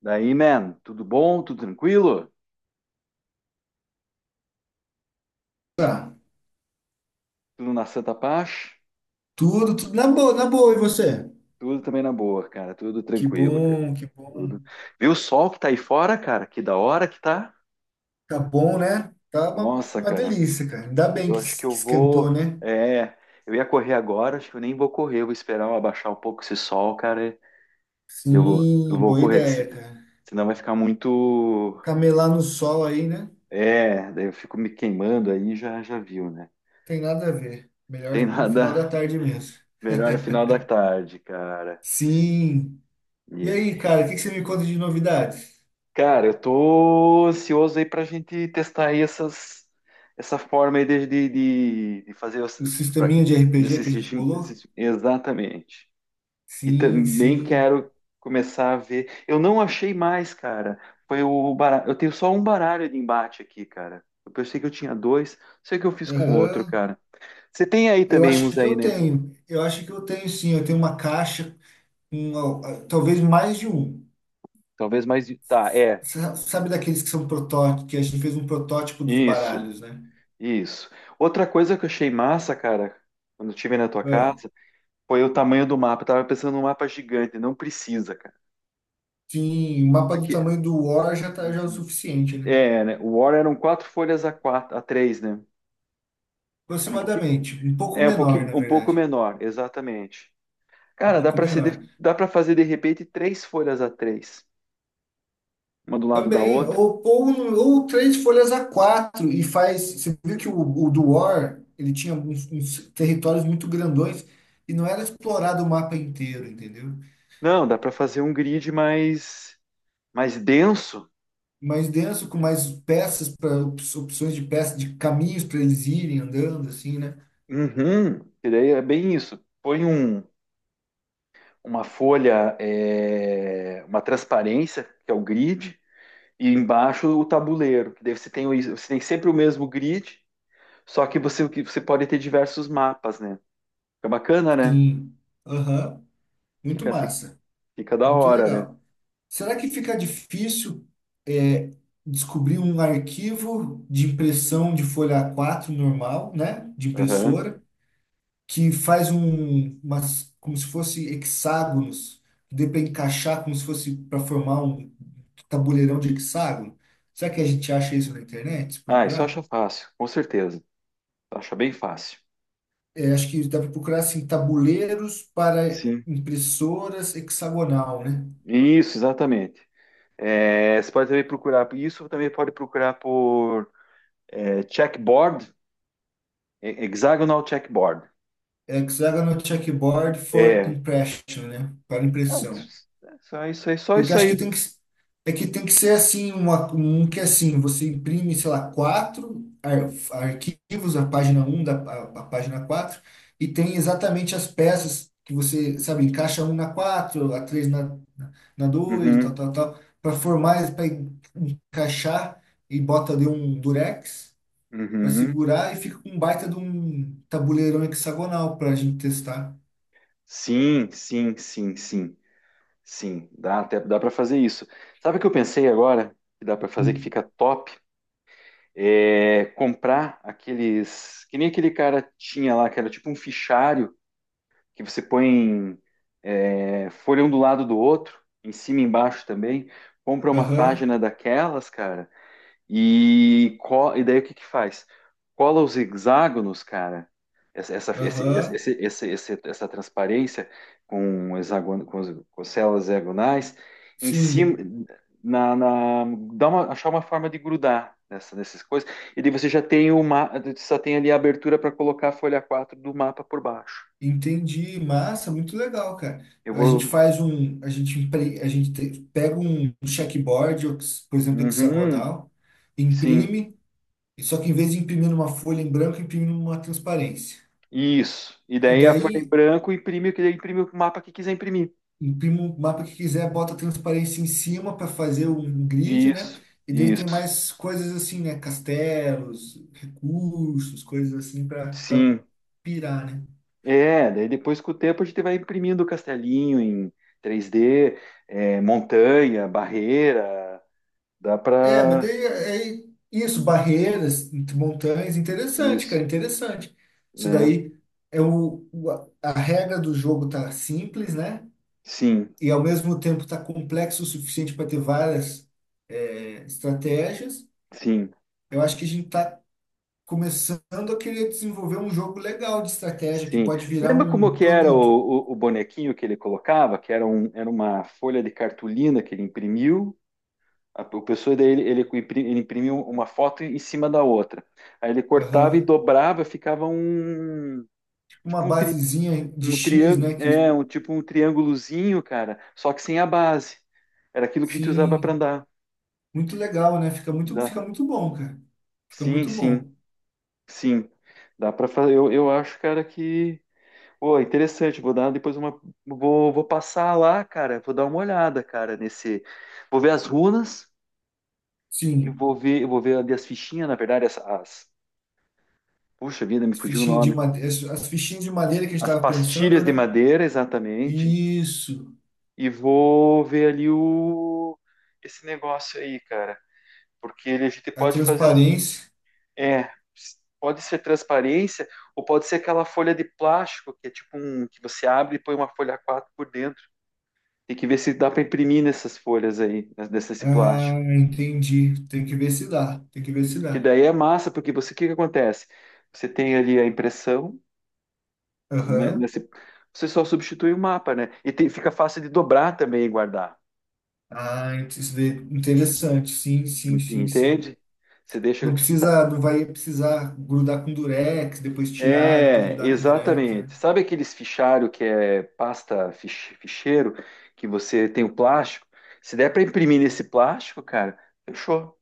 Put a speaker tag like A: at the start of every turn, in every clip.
A: Daí, man, tudo bom? Tudo tranquilo?
B: Tá.
A: Tudo na santa paz?
B: Tudo, tudo na boa, na boa. E você?
A: Tudo também na boa, cara. Tudo
B: Que
A: tranquilo, cara.
B: bom, que
A: Tudo.
B: bom.
A: Viu o sol que tá aí fora, cara? Que da hora que tá!
B: Tá bom, né? Tá
A: Nossa,
B: uma
A: cara.
B: delícia, cara. Ainda bem
A: Eu
B: que,
A: acho que
B: que
A: eu
B: esquentou,
A: vou.
B: né?
A: Eu ia correr agora, acho que eu nem vou correr. Eu vou esperar eu abaixar um pouco esse sol, cara. e Eu vou, eu
B: Sim,
A: vou
B: boa
A: correr, que
B: ideia, cara.
A: senão vai ficar muito.
B: Camelar no sol aí, né?
A: É, daí eu fico me queimando aí, já, já viu, né?
B: Tem nada a ver.
A: Tem
B: Melhor no final da
A: nada
B: tarde mesmo.
A: melhor no final da tarde, cara.
B: Sim. E aí, cara, o que que você me conta de novidades?
A: Cara, eu tô ansioso aí pra gente testar aí essa forma aí de fazer
B: O
A: pra-
B: sisteminha de RPG que a
A: esses-
B: gente bolou?
A: exatamente. E
B: Sim,
A: também
B: sim.
A: quero começar a ver. Eu não achei mais, cara. Foi o baralho. Eu tenho só um baralho de embate aqui, cara. Eu pensei que eu tinha dois. Sei que eu fiz com outro,
B: Aham.
A: cara. Você tem aí
B: Eu
A: também uns
B: acho que
A: aí,
B: eu
A: né?
B: tenho. Eu acho que eu tenho sim. Eu tenho uma caixa, um, talvez mais de um.
A: Talvez mais. Tá, é.
B: Sabe daqueles que são protótipos, que a gente fez um protótipo dos
A: Isso,
B: baralhos, né?
A: isso. Outra coisa que eu achei massa, cara, quando eu estive na tua
B: Ah,
A: casa. Foi o tamanho do mapa. Eu tava pensando num mapa gigante. Não precisa, cara.
B: sim, o mapa do
A: Aqui,
B: tamanho do War já tá, já é o suficiente, né?
A: é, né? O War eram quatro folhas a quatro, a três, né? Era um pouquinho,
B: Aproximadamente, um pouco
A: é um
B: menor,
A: pouquinho,
B: na
A: um pouco
B: verdade.
A: menor, exatamente.
B: Um
A: Cara, dá
B: pouco
A: para se
B: menor.
A: de- dá para fazer de repente três folhas a três, uma do lado da
B: Também,
A: outra.
B: ou três folhas a quatro e faz. Você viu que o do War, ele tinha uns, uns territórios muito grandões e não era explorado o mapa inteiro, entendeu?
A: Não, dá para fazer um grid mais denso.
B: Mais denso, com mais peças, para opções de peças, de caminhos para eles irem andando, assim, né?
A: Uhum. E daí é bem isso. Põe uma folha, uma transparência, que é o grid. E embaixo o tabuleiro, que daí você tem sempre o mesmo grid, só que você pode ter diversos mapas, né? Fica bacana, né?
B: Sim. Aham. Muito
A: Fica, fica,
B: massa.
A: fica da
B: Muito
A: hora, né?
B: legal. Será que fica difícil é, descobrir um arquivo de impressão de folha a quatro normal, né? De
A: Aham.
B: impressora, que faz um, umas, como se fosse hexágonos, que dê para encaixar como se fosse para formar um tabuleirão de hexágono? Será que a gente acha isso na internet, se
A: Ah, isso
B: procurar?
A: acha fácil, com certeza. Acha bem fácil.
B: É, acho que dá para procurar assim, tabuleiros para
A: Sim.
B: impressoras hexagonal, né?
A: Isso, exatamente. É, você pode também procurar por isso, também pode procurar por checkboard, hexagonal checkboard.
B: Hexagonal checkboard for
A: É,
B: impression, né? Para
A: ah,
B: impressão.
A: só isso aí, só
B: Porque
A: isso
B: acho que
A: aí.
B: tem que, é que tem que ser assim, uma, um que é assim, você imprime, sei lá, quatro arquivos, a página um a página 4 e tem exatamente as peças que você, sabe, encaixa um na 4, a 3 na dois, tal,
A: Uhum,
B: tal, tal, para formar, para encaixar e bota ali um durex para
A: uhum.
B: segurar e fica com um baita de um tabuleirão hexagonal para a gente testar.
A: Sim, sim, sim, sim. Sim, dá. Até dá para fazer isso. Sabe o que eu pensei agora que dá para fazer que
B: Hum.
A: fica top? É comprar aqueles que nem aquele cara tinha lá, que era tipo um fichário que você põe folha um do lado do outro, em cima e embaixo também. Compra uma
B: Aham,
A: página daquelas, cara, e daí o que que faz? Cola os hexágonos, cara, essa, esse- esse-
B: aham,
A: esse- esse- esse- essa transparência com células hexagonais em cima,
B: sim,
A: na, na- achar uma forma de grudar nessas coisas, e daí você já tem uma, só tem ali a abertura para colocar a folha 4 do mapa por baixo.
B: entendi. Massa, muito legal, cara.
A: Eu
B: A gente
A: vou.
B: faz um, a gente, a gente pega um checkboard, por exemplo,
A: Uhum,
B: hexagonal,
A: sim,
B: imprime, só que em vez de imprimir numa folha em branco, imprime numa transparência.
A: isso. E
B: E
A: daí a folha em
B: daí,
A: branco imprime, imprime o mapa que quiser imprimir.
B: imprime o mapa que quiser, bota a transparência em cima para fazer um grid, né?
A: Isso,
B: E daí tem
A: isso.
B: mais coisas assim, né? Castelos, recursos, coisas assim para
A: Sim,
B: pirar, né?
A: daí depois com o tempo a gente vai imprimindo o castelinho em 3D, montanha, barreira, dá
B: É, mas
A: pra
B: daí é isso, barreiras, montanhas, interessante,
A: isso,
B: cara, interessante. Isso
A: né?
B: daí é a regra do jogo tá simples, né?
A: Sim,
B: E ao mesmo tempo tá complexo o suficiente para ter várias estratégias.
A: sim,
B: Eu acho que a gente tá começando a querer desenvolver um jogo legal de estratégia que
A: sim.
B: pode virar
A: Lembra como
B: um
A: que era o,
B: produto.
A: o, o bonequinho que ele colocava, era uma folha de cartolina que ele imprimiu, o pessoa daí ele imprimiu uma foto em cima da outra, aí ele cortava e
B: Aham.
A: dobrava, ficava um,
B: Tipo uma
A: tipo um
B: basezinha de
A: um
B: X,
A: triângulo,
B: né? Que
A: é, um tipo um triângulozinho, cara, só que sem a base. Era aquilo que a gente usava para
B: sim,
A: andar.
B: muito legal, né? Fica
A: Dá.
B: muito bom, cara. Fica
A: Sim,
B: muito
A: sim,
B: bom.
A: sim. Dá para fazer. Eu acho, cara, que. Pô, é interessante. Vou dar depois uma. Vou passar lá, cara. Vou dar uma olhada, cara, nesse. Vou ver as runas e
B: Sim.
A: eu vou ver ali as fichinhas, na verdade, Puxa vida, me fugiu o
B: Fichinha de
A: nome.
B: madeira, as fichinhas de madeira que a gente
A: As
B: estava pensando,
A: pastilhas de
B: né?
A: madeira, exatamente.
B: Isso,
A: E vou ver ali o. Esse negócio aí, cara. Porque a gente
B: a
A: pode fazer,
B: transparência.
A: é, pode ser transparência ou pode ser aquela folha de plástico que é tipo um que você abre e põe uma folha A 4 por dentro. Tem que ver se dá para imprimir nessas folhas aí, nesse plástico.
B: Ah, entendi. Tem que ver se dá. Tem que ver se
A: Que
B: dá.
A: daí é massa, porque você o que que acontece? Você tem ali a impressão, né,
B: Aham.
A: você só substitui o mapa, né? Fica fácil de dobrar também e guardar.
B: Ah, isso daí é interessante. Sim, sim, sim, sim.
A: Entende? Você
B: Não
A: deixa.
B: precisa, não vai precisar grudar com durex, depois tirar, depois
A: É,
B: grudar com durex,
A: exatamente.
B: né?
A: Sabe aqueles fichário que é pasta ficheiro, que você tem o plástico? Se der para imprimir nesse plástico, cara, fechou.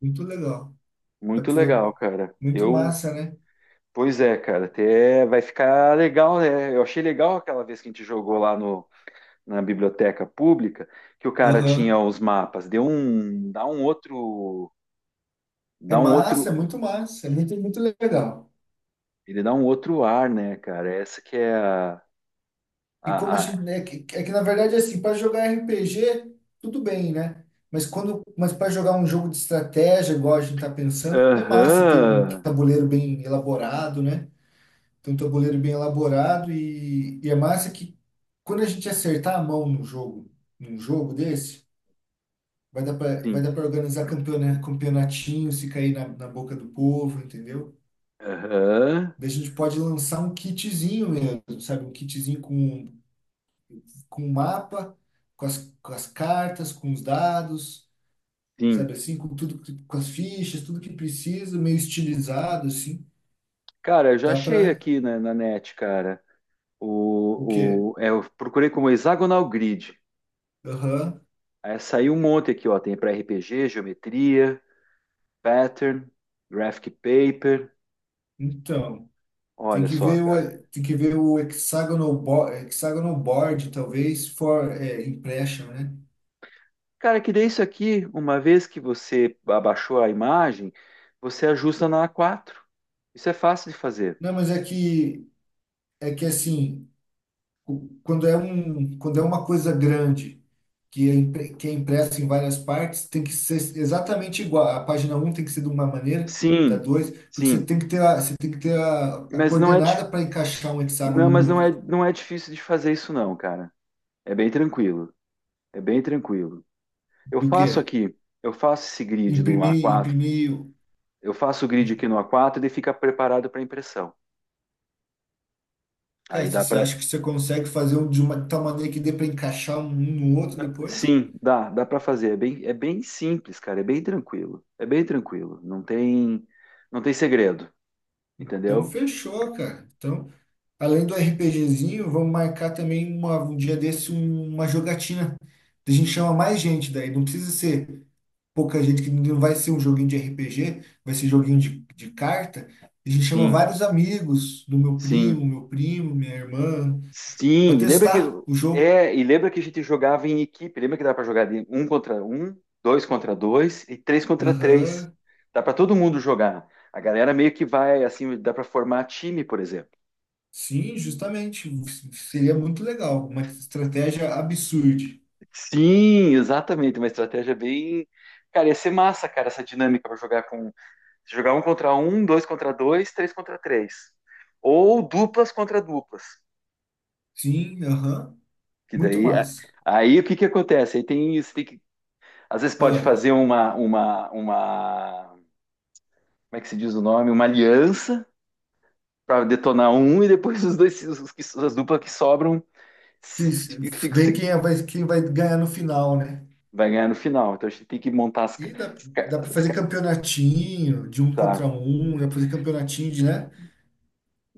B: Muito legal. Tá,
A: Muito
B: pô,
A: legal, cara.
B: muito massa, né?
A: Pois é, cara, até vai ficar legal, né? Eu achei legal aquela vez que a gente jogou lá no, na biblioteca pública, que o cara tinha
B: Aham.
A: os mapas. Deu um,
B: É
A: dá um outro,
B: massa. É muito, muito legal.
A: ele dá um outro ar, né, cara? Essa que é a, a,
B: E como a
A: a...
B: gente, né, é que na verdade assim, para jogar RPG, tudo bem, né? Mas quando, mas para jogar um jogo de estratégia, igual a gente tá pensando, é massa ter um
A: Aham.
B: tabuleiro bem elaborado, né? Ter um tabuleiro bem elaborado e é massa que quando a gente acertar a mão no jogo, num jogo desse, vai
A: Sim.
B: dar para organizar campeona, campeonatinho, se cair na boca do povo, entendeu?
A: Aham,
B: Daí a gente pode lançar um kitzinho mesmo, sabe? Um kitzinho com o mapa, com as cartas, com os dados, sabe
A: sim.
B: assim, com tudo, com as fichas, tudo que precisa, meio estilizado, assim.
A: Cara, eu já
B: Dá
A: achei
B: para
A: aqui na net, cara.
B: o quê?
A: Eu procurei como hexagonal grid.
B: Aham.
A: Aí saiu um monte aqui, ó. Tem para RPG, geometria, pattern, graphic paper.
B: Então, tem
A: Olha
B: que
A: só,
B: ver
A: cara.
B: tem que ver o hexagonal, bo, hexagonal board, talvez, for, é, impression, né?
A: Cara, que daí isso aqui, uma vez que você abaixou a imagem, você ajusta na A4. Isso é fácil de fazer.
B: Não, mas é que assim. Quando é um, quando é uma coisa grande que é, que é impressa em várias partes, tem que ser exatamente igual. A página um tem que ser de uma maneira, da
A: Sim,
B: 2 porque você
A: sim.
B: tem que ter você tem que ter a
A: Mas não é,
B: coordenada para encaixar um hexágono
A: não, mas
B: no
A: não
B: outro.
A: é, não é difícil de fazer isso, não, cara. É bem tranquilo. É bem tranquilo. Eu
B: Do
A: faço
B: que
A: aqui, eu faço esse grid no
B: imprimir,
A: A4.
B: imprimir.
A: Eu faço o grid aqui
B: em-
A: no A4 e ele fica preparado para impressão. Aí
B: Cara, se
A: dá
B: você
A: para,
B: acha que você consegue fazer um de uma tal maneira que dê para encaixar um no outro depois?
A: sim, dá para fazer. É bem simples, cara, é bem tranquilo, é bem tranquilo. Não tem segredo,
B: Então
A: entendeu?
B: fechou, cara. Então além do RPGzinho, vamos marcar também um dia desse uma jogatina. A gente chama mais gente daí. Não precisa ser pouca gente, que não vai ser um joguinho de RPG, vai ser joguinho de carta. A gente chama
A: Sim,
B: vários amigos do
A: sim,
B: meu primo, minha irmã, para
A: sim.
B: testar o jogo.
A: E lembra que a gente jogava em equipe. Lembra que dá para jogar de um contra um, dois contra dois e três contra três.
B: Aham.
A: Dá para todo mundo jogar. A galera meio que vai assim, dá para formar time, por exemplo.
B: Sim, justamente. Seria muito legal. Uma estratégia absurda.
A: Sim, exatamente, uma estratégia bem. Cara, ia ser massa, cara, essa dinâmica para jogar com. Jogar um contra um, dois contra dois, três contra três. Ou duplas contra duplas.
B: Sim, aham.
A: Que
B: Muito
A: daí.
B: massa.
A: Aí o que que acontece? Aí tem isso, tem que. Às vezes pode
B: Ah,
A: fazer uma, uma. Como é que se diz o nome? Uma aliança para detonar um e depois os dois, as duplas que sobram se, se-
B: ver
A: se-
B: vai, quem vai ganhar no final, né?
A: vai ganhar no final. Então a gente tem que montar
B: E dá,
A: as, ca-
B: dá pra
A: as,
B: fazer
A: ca-
B: campeonatinho de um
A: tá.
B: contra um, dá pra fazer campeonatinho de, né?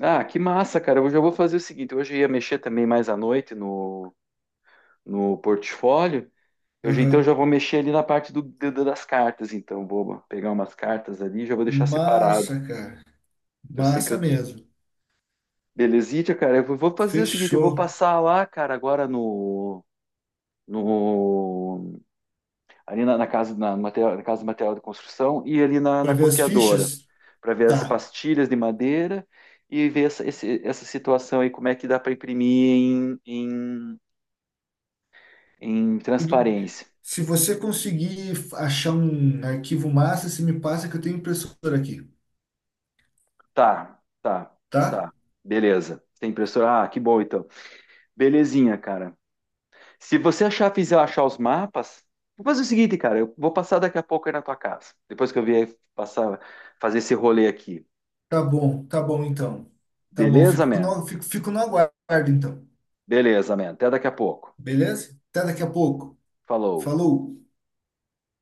A: Ah, que massa, cara. Eu já vou fazer o seguinte: hoje eu ia mexer também mais à noite no portfólio. Então já
B: Aham.
A: vou mexer ali na parte das cartas, então. Vou pegar umas cartas ali e já vou deixar separado.
B: Massa, cara.
A: Eu sei que
B: Massa
A: eu.
B: mesmo.
A: Belezitia, cara. Eu vou fazer o seguinte: eu vou
B: Fechou.
A: passar lá, cara, agora no. no ali na casa de material de construção e ali na
B: Pra ver as
A: copiadora,
B: fichas?
A: para ver as
B: Tá.
A: pastilhas de madeira e ver essa situação aí, como é que dá para imprimir em, em
B: Tudo...
A: transparência.
B: Se você conseguir achar um arquivo massa, se me passa que eu tenho impressora aqui,
A: Tá, tá,
B: tá?
A: tá. Beleza. Tem impressora? Ah, que bom então. Belezinha, cara. Se você achar, fizer achar os mapas, vou fazer o seguinte, cara. Eu vou passar daqui a pouco aí na tua casa. Depois que eu vier passar, fazer esse rolê aqui.
B: Tá bom então. Tá bom,
A: Beleza,
B: fico
A: man?
B: no, fico no aguardo então.
A: Beleza, man. Até daqui a pouco.
B: Beleza? Até daqui a pouco.
A: Falou.
B: Falou!